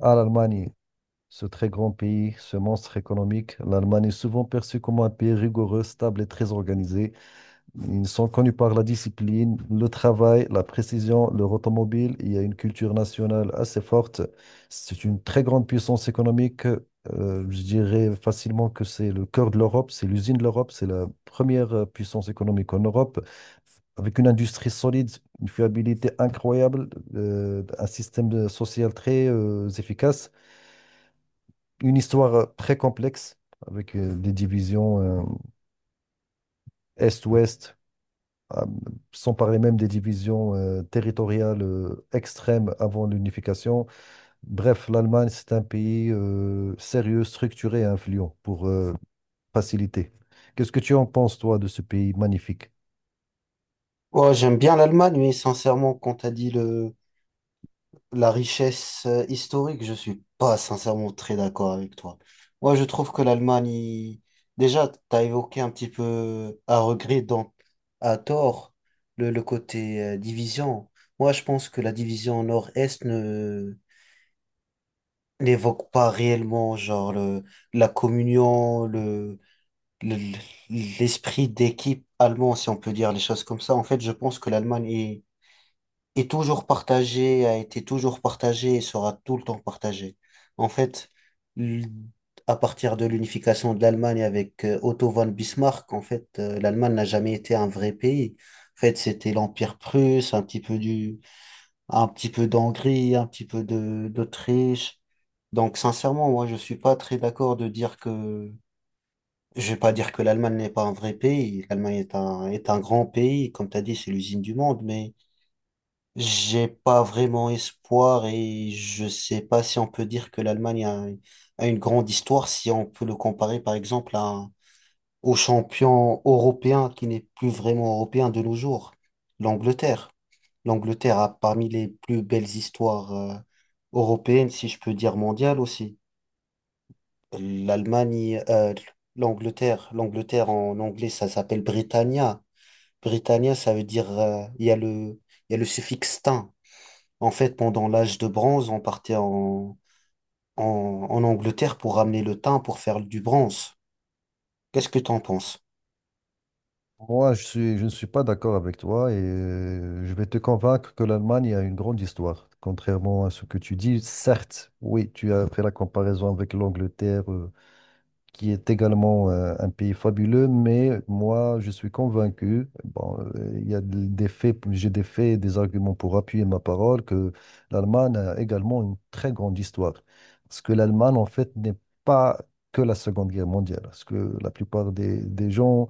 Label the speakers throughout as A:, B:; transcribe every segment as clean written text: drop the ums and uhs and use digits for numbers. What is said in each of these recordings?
A: À l'Allemagne. Ce très grand pays, ce monstre économique, l'Allemagne est souvent perçue comme un pays rigoureux, stable et très organisé. Ils sont connus par la discipline, le travail, la précision, leur automobile. Il y a une culture nationale assez forte. C'est une très grande puissance économique. Je dirais facilement que c'est le cœur de l'Europe, c'est l'usine de l'Europe, c'est la première puissance économique en Europe, avec une industrie solide, une fiabilité incroyable, un système social très efficace, une histoire très complexe avec des divisions Est-Ouest, euh, sans parler même des divisions territoriales extrêmes avant l'unification. Bref, l'Allemagne, c'est un pays sérieux, structuré et influent pour faciliter. Qu'est-ce que tu en penses, toi, de ce pays magnifique?
B: Ouais, j'aime bien l'Allemagne, mais sincèrement, quand t'as dit la richesse historique, je suis pas sincèrement très d'accord avec toi. Moi, je trouve que déjà, t'as évoqué un petit peu à regret, donc à tort, le côté division. Moi, je pense que la division nord-est ne n'évoque pas réellement genre la communion, le- l'esprit d'équipe allemand, si on peut dire les choses comme ça. En fait, je pense que l'Allemagne est toujours partagé, a été toujours partagé et sera tout le temps partagé. En fait, l- à partir de l'unification de l'Allemagne avec Otto von Bismarck, en fait, l'Allemagne n'a jamais été un vrai pays. En fait, c'était l'Empire prusse, un petit peu d'Hongrie, un petit peu d'Autriche. Donc, sincèrement, moi, je suis pas très d'accord de dire je vais pas dire que l'Allemagne n'est pas un vrai pays. L'Allemagne est un grand pays. Comme tu as dit, c'est l'usine du monde, mais j'ai pas vraiment espoir et je sais pas si on peut dire que a une grande histoire si on peut le comparer par exemple au champion européen qui n'est plus vraiment européen de nos jours, l'Angleterre. L'Angleterre a parmi les plus belles histoires européennes, si je peux dire mondiales aussi. L'Allemagne, euh, l'Angleterre en anglais ça s'appelle Britannia. Britannia ça veut dire il y a le suffixe -tin. En fait, pendant l'âge de bronze, on partait en, en Angleterre pour ramener le thym pour faire du bronze. Qu'est-ce que t'en penses?
A: Moi, je ne suis pas d'accord avec toi et je vais te convaincre que l'Allemagne a une grande histoire. Contrairement à ce que tu dis, certes, oui, tu as fait la comparaison avec l'Angleterre, qui est également un pays fabuleux, mais moi, je suis convaincu, bon, il y a de- des faits, j'ai des faits et des arguments pour appuyer ma parole, que l'Allemagne a également une très grande histoire. Parce que l'Allemagne, en fait, n'est pas que la Seconde Guerre mondiale. Parce que la plupart des gens,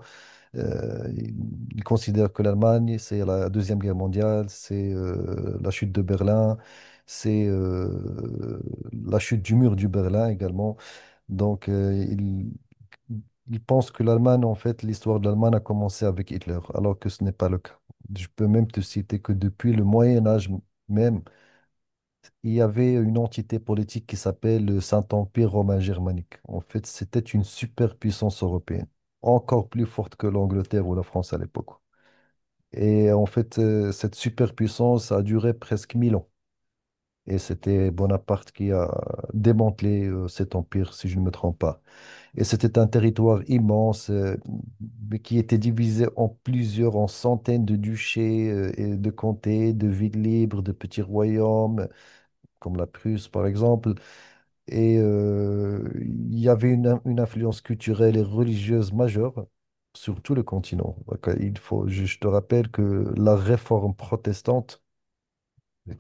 A: euh, ils ils considèrent que l'Allemagne, c'est la Deuxième Guerre mondiale, c'est la chute de Berlin, c'est la chute du mur du Berlin également. Donc, ils pensent que l'Allemagne, en fait, l'histoire de l'Allemagne a commencé avec Hitler, alors que ce n'est pas le cas. Je peux même te citer que depuis le Moyen Âge même, il y avait une entité politique qui s'appelle le Saint-Empire romain germanique. En fait, c'était une superpuissance européenne, encore plus forte que l'Angleterre ou la France à l'époque. Et en fait, cette superpuissance a duré presque 1 000 ans. Et c'était Bonaparte qui a démantelé cet empire, si je ne me trompe pas. Et c'était un territoire immense, mais qui était divisé en plusieurs, en centaines de duchés, et de comtés, de villes libres, de petits royaumes, comme la Prusse par exemple. Et il y avait une influence culturelle et religieuse majeure sur tout le continent. Donc, il faut, je te rappelle que la réforme protestante,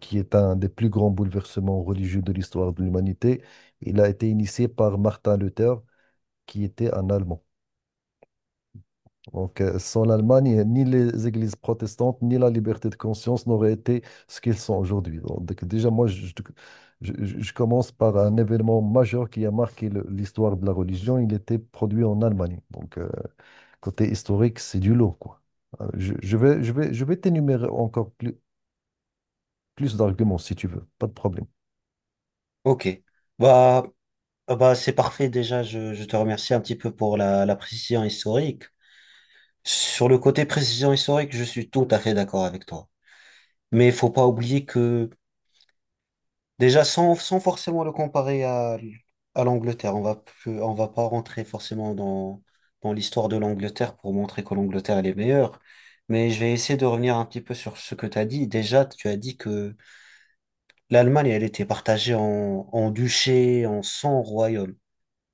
A: qui est un des plus grands bouleversements religieux de l'histoire de l'humanité, il a été initié par Martin Luther, qui était un Allemand. Donc, sans l'Allemagne, ni les églises protestantes, ni la liberté de conscience n'auraient été ce qu'ils sont aujourd'hui. Donc, déjà, moi, je commence par un événement majeur qui a marqué l'histoire de la religion. Il était produit en Allemagne. Donc, côté historique, c'est du lot, quoi. Je vais t'énumérer encore plus d'arguments si tu veux. Pas de problème.
B: Ok. Bah, ah bah c'est parfait déjà. Je te remercie un petit peu pour la précision historique. Sur le côté précision historique, je suis tout à fait d'accord avec toi. Mais il faut pas oublier que déjà, sans forcément le comparer à l'Angleterre, peu- on va pas rentrer forcément dans l'histoire de l'Angleterre pour montrer que l'Angleterre elle est meilleure. Mais je vais essayer de revenir un petit peu sur ce que tu as dit. Déjà, tu as dit que l'Allemagne, elle était partagée en duché, en 100 royaumes.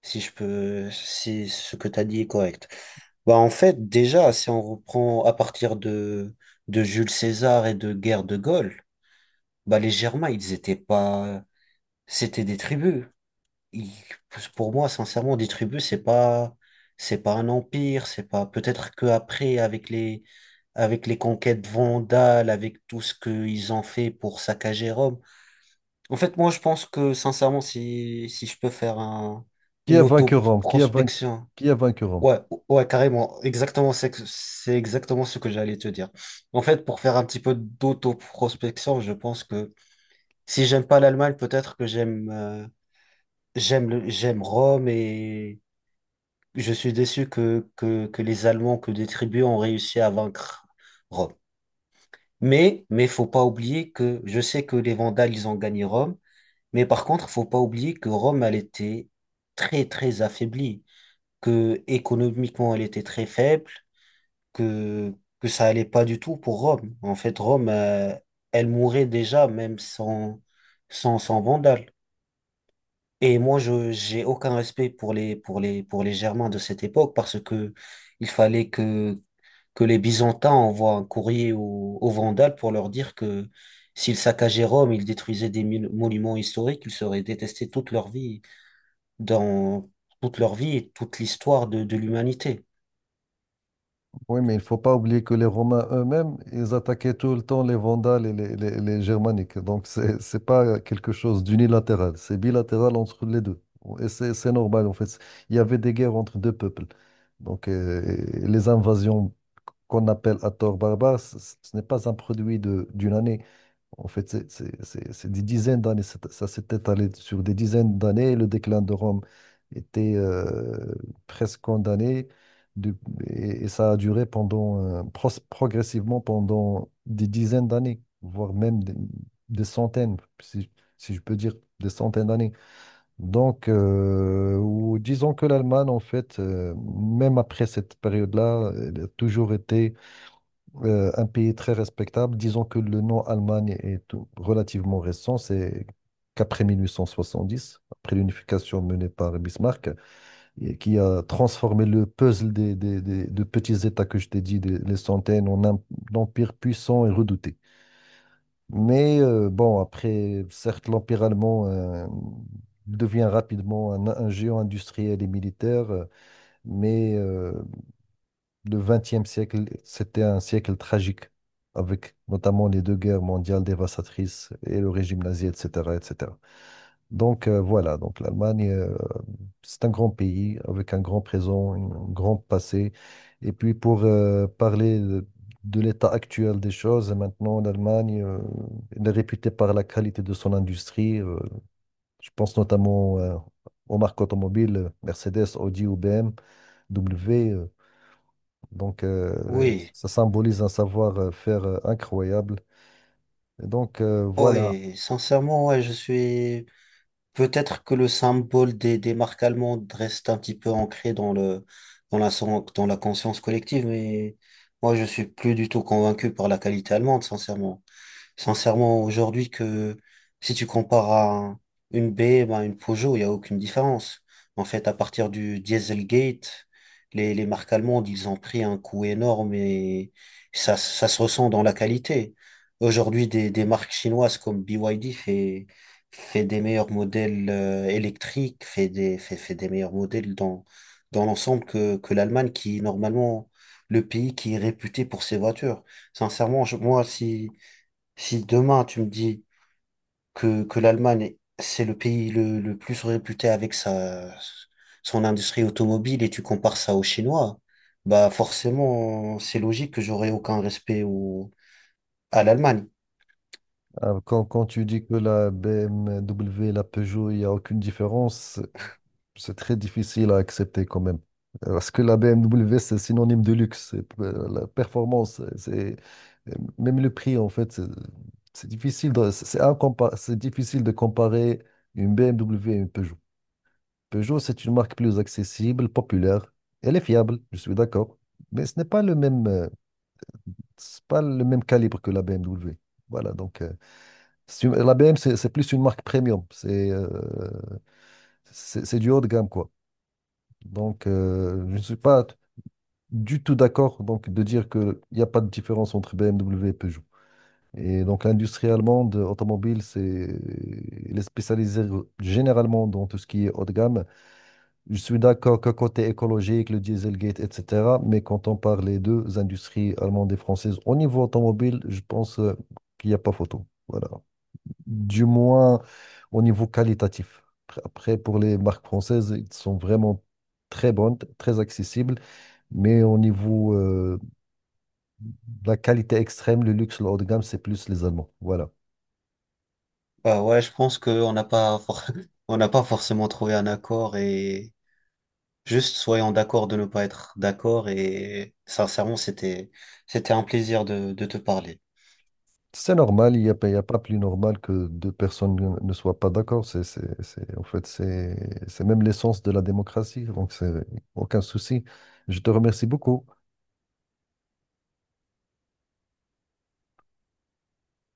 B: Si je peux, si ce que tu as dit est correct. Bah, en fait, déjà, si on reprend à partir de Jules César et de guerre de Gaulle, bah, les Germains, ils étaient pas, c'était des tribus, il- pour moi, sincèrement, des tribus, c'est pas un empire, c'est pas, peut-être que après, avec les conquêtes vandales, avec tout ce qu'ils ont fait pour saccager Rome. En fait, moi, je pense que, sincèrement, si je peux faire
A: Qui a
B: une
A: vaincu Rome?
B: auto-prospection.
A: Qui a vaincu Rome?
B: Ouais, ouais, carrément, exactement, c'est exactement ce que j'allais te dire. En fait, pour faire un petit peu d'auto-prospection, je pense que si j'aime pas l'Allemagne, peut-être que j'aime Rome et je suis déçu que les Allemands, que des tribus ont réussi à vaincre Rome. Mais faut pas oublier que je sais que les Vandales, ils ont gagné Rome, mais par contre, faut pas oublier que Rome, elle était très, très affaiblie, que économiquement, elle était très faible, que, que ça allait pas du tout pour Rome. En fait, elle mourait déjà, même sans Vandales. Et moi, j'ai aucun respect pour pour les Germains de cette époque parce que il fallait que, que les Byzantins envoient un courrier aux Vandales pour leur dire que s'ils saccageaient Rome, ils détruisaient des mil- monuments historiques, ils seraient détestés toute leur vie, dans toute leur vie et toute l'histoire de l'humanité.
A: Oui, mais il ne faut pas oublier que les Romains eux-mêmes, ils attaquaient tout le temps les Vandales et les Germaniques. Donc, c'est n'est pas quelque chose d'unilatéral, c'est bilatéral entre les deux. Et c'est normal, en fait. Il y avait des guerres entre deux peuples. Donc, les invasions qu'on appelle à tort barbares, ce n'est pas un produit d'une année. En fait, c'est des dizaines d'années. Ça s'est étalé sur des dizaines d'années. Le déclin de Rome était presque condamné. du- et ça a duré pendant, progressivement pendant des dizaines d'années, voire même des centaines, si je peux dire des centaines d'années. Donc, ou disons que l'Allemagne, en fait, même après cette période-là, elle a toujours été un pays très respectable. Disons que le nom Allemagne est relativement récent, c'est qu'après 1870, après l'unification menée par Bismarck, et qui a transformé le puzzle de petits États que je t'ai dit, des, les centaines, en un empire puissant et redouté. Mais bon, après, certes, l'empire allemand devient rapidement un géant industriel et militaire, mais euh, le XXe siècle, c'était un siècle tragique, avec notamment les deux guerres mondiales dévastatrices et le régime nazi, etc., etc. Donc, voilà, donc l'Allemagne, c'est un grand pays avec un grand présent, un grand passé. Et puis pour parler de l'état actuel des choses, maintenant l'Allemagne elle est réputée par la qualité de son industrie. Je pense notamment aux marques automobiles, Mercedes, Audi ou BMW. Donc,
B: Oui,
A: ça symbolise un savoir-faire incroyable. Et donc, voilà.
B: oui, sincèrement, ouais, je suis. Peut-être que le symbole des marques allemandes reste un petit peu ancré dans dans la conscience collective, mais moi, je suis plus du tout convaincu par la qualité allemande, sincèrement. Sincèrement, aujourd'hui, que si tu compares à une BM à une Peugeot, il n'y a aucune différence. En fait, à partir du Dieselgate, les marques allemandes, ils ont pris un coup énorme et ça se ressent dans la qualité. Aujourd'hui, des marques chinoises comme BYD fait des meilleurs modèles électriques, fait des meilleurs modèles dans l'ensemble que l'Allemagne, qui est normalement le pays qui est réputé pour ses voitures. Sincèrement, moi, si demain tu me dis que l'Allemagne, c'est le pays le plus réputé avec son industrie automobile et tu compares ça aux Chinois, bah forcément, c'est logique que j'aurai aucun respect à l'Allemagne.
A: Quand tu dis que la BMW, la Peugeot, il n'y a aucune différence, c'est très difficile à accepter quand même. Parce que la BMW, c'est synonyme de luxe, c'est, la performance, c'est même le prix, en fait, c'est difficile c'est difficile de comparer une BMW et une Peugeot. Peugeot, c'est une marque plus accessible, populaire. Elle est fiable, je suis d'accord. Mais ce n'est pas le même, c'est pas le même calibre que la BMW. Voilà, donc la BMW, c'est plus une marque premium. C'est du haut de gamme, quoi. Donc, je ne suis pas du tout d'accord donc de dire qu'il n'y a pas de différence entre BMW et Peugeot. Et donc, l'industrie allemande automobile, c'est, elle est spécialisée généralement dans tout ce qui est haut de gamme. Je suis d'accord que côté écologique, le Dieselgate, etc. Mais quand on parle des deux industries allemandes et françaises au niveau automobile, je pense qu'il n'y a pas photo. Voilà. Du moins au niveau qualitatif. Après, après, pour les marques françaises, elles sont vraiment très bonnes, très accessibles. Mais au niveau de la qualité extrême, le luxe, le haut de gamme, c'est plus les Allemands. Voilà.
B: Bah ouais, je pense qu'on n'a pas, for- on n'a pas forcément trouvé un accord et juste soyons d'accord de ne pas être d'accord et sincèrement, c'était un plaisir de te parler.
A: C'est normal, il y a pas plus normal que deux personnes ne soient pas d'accord. En fait, c'est même l'essence de la démocratie, donc c'est aucun souci. Je te remercie beaucoup.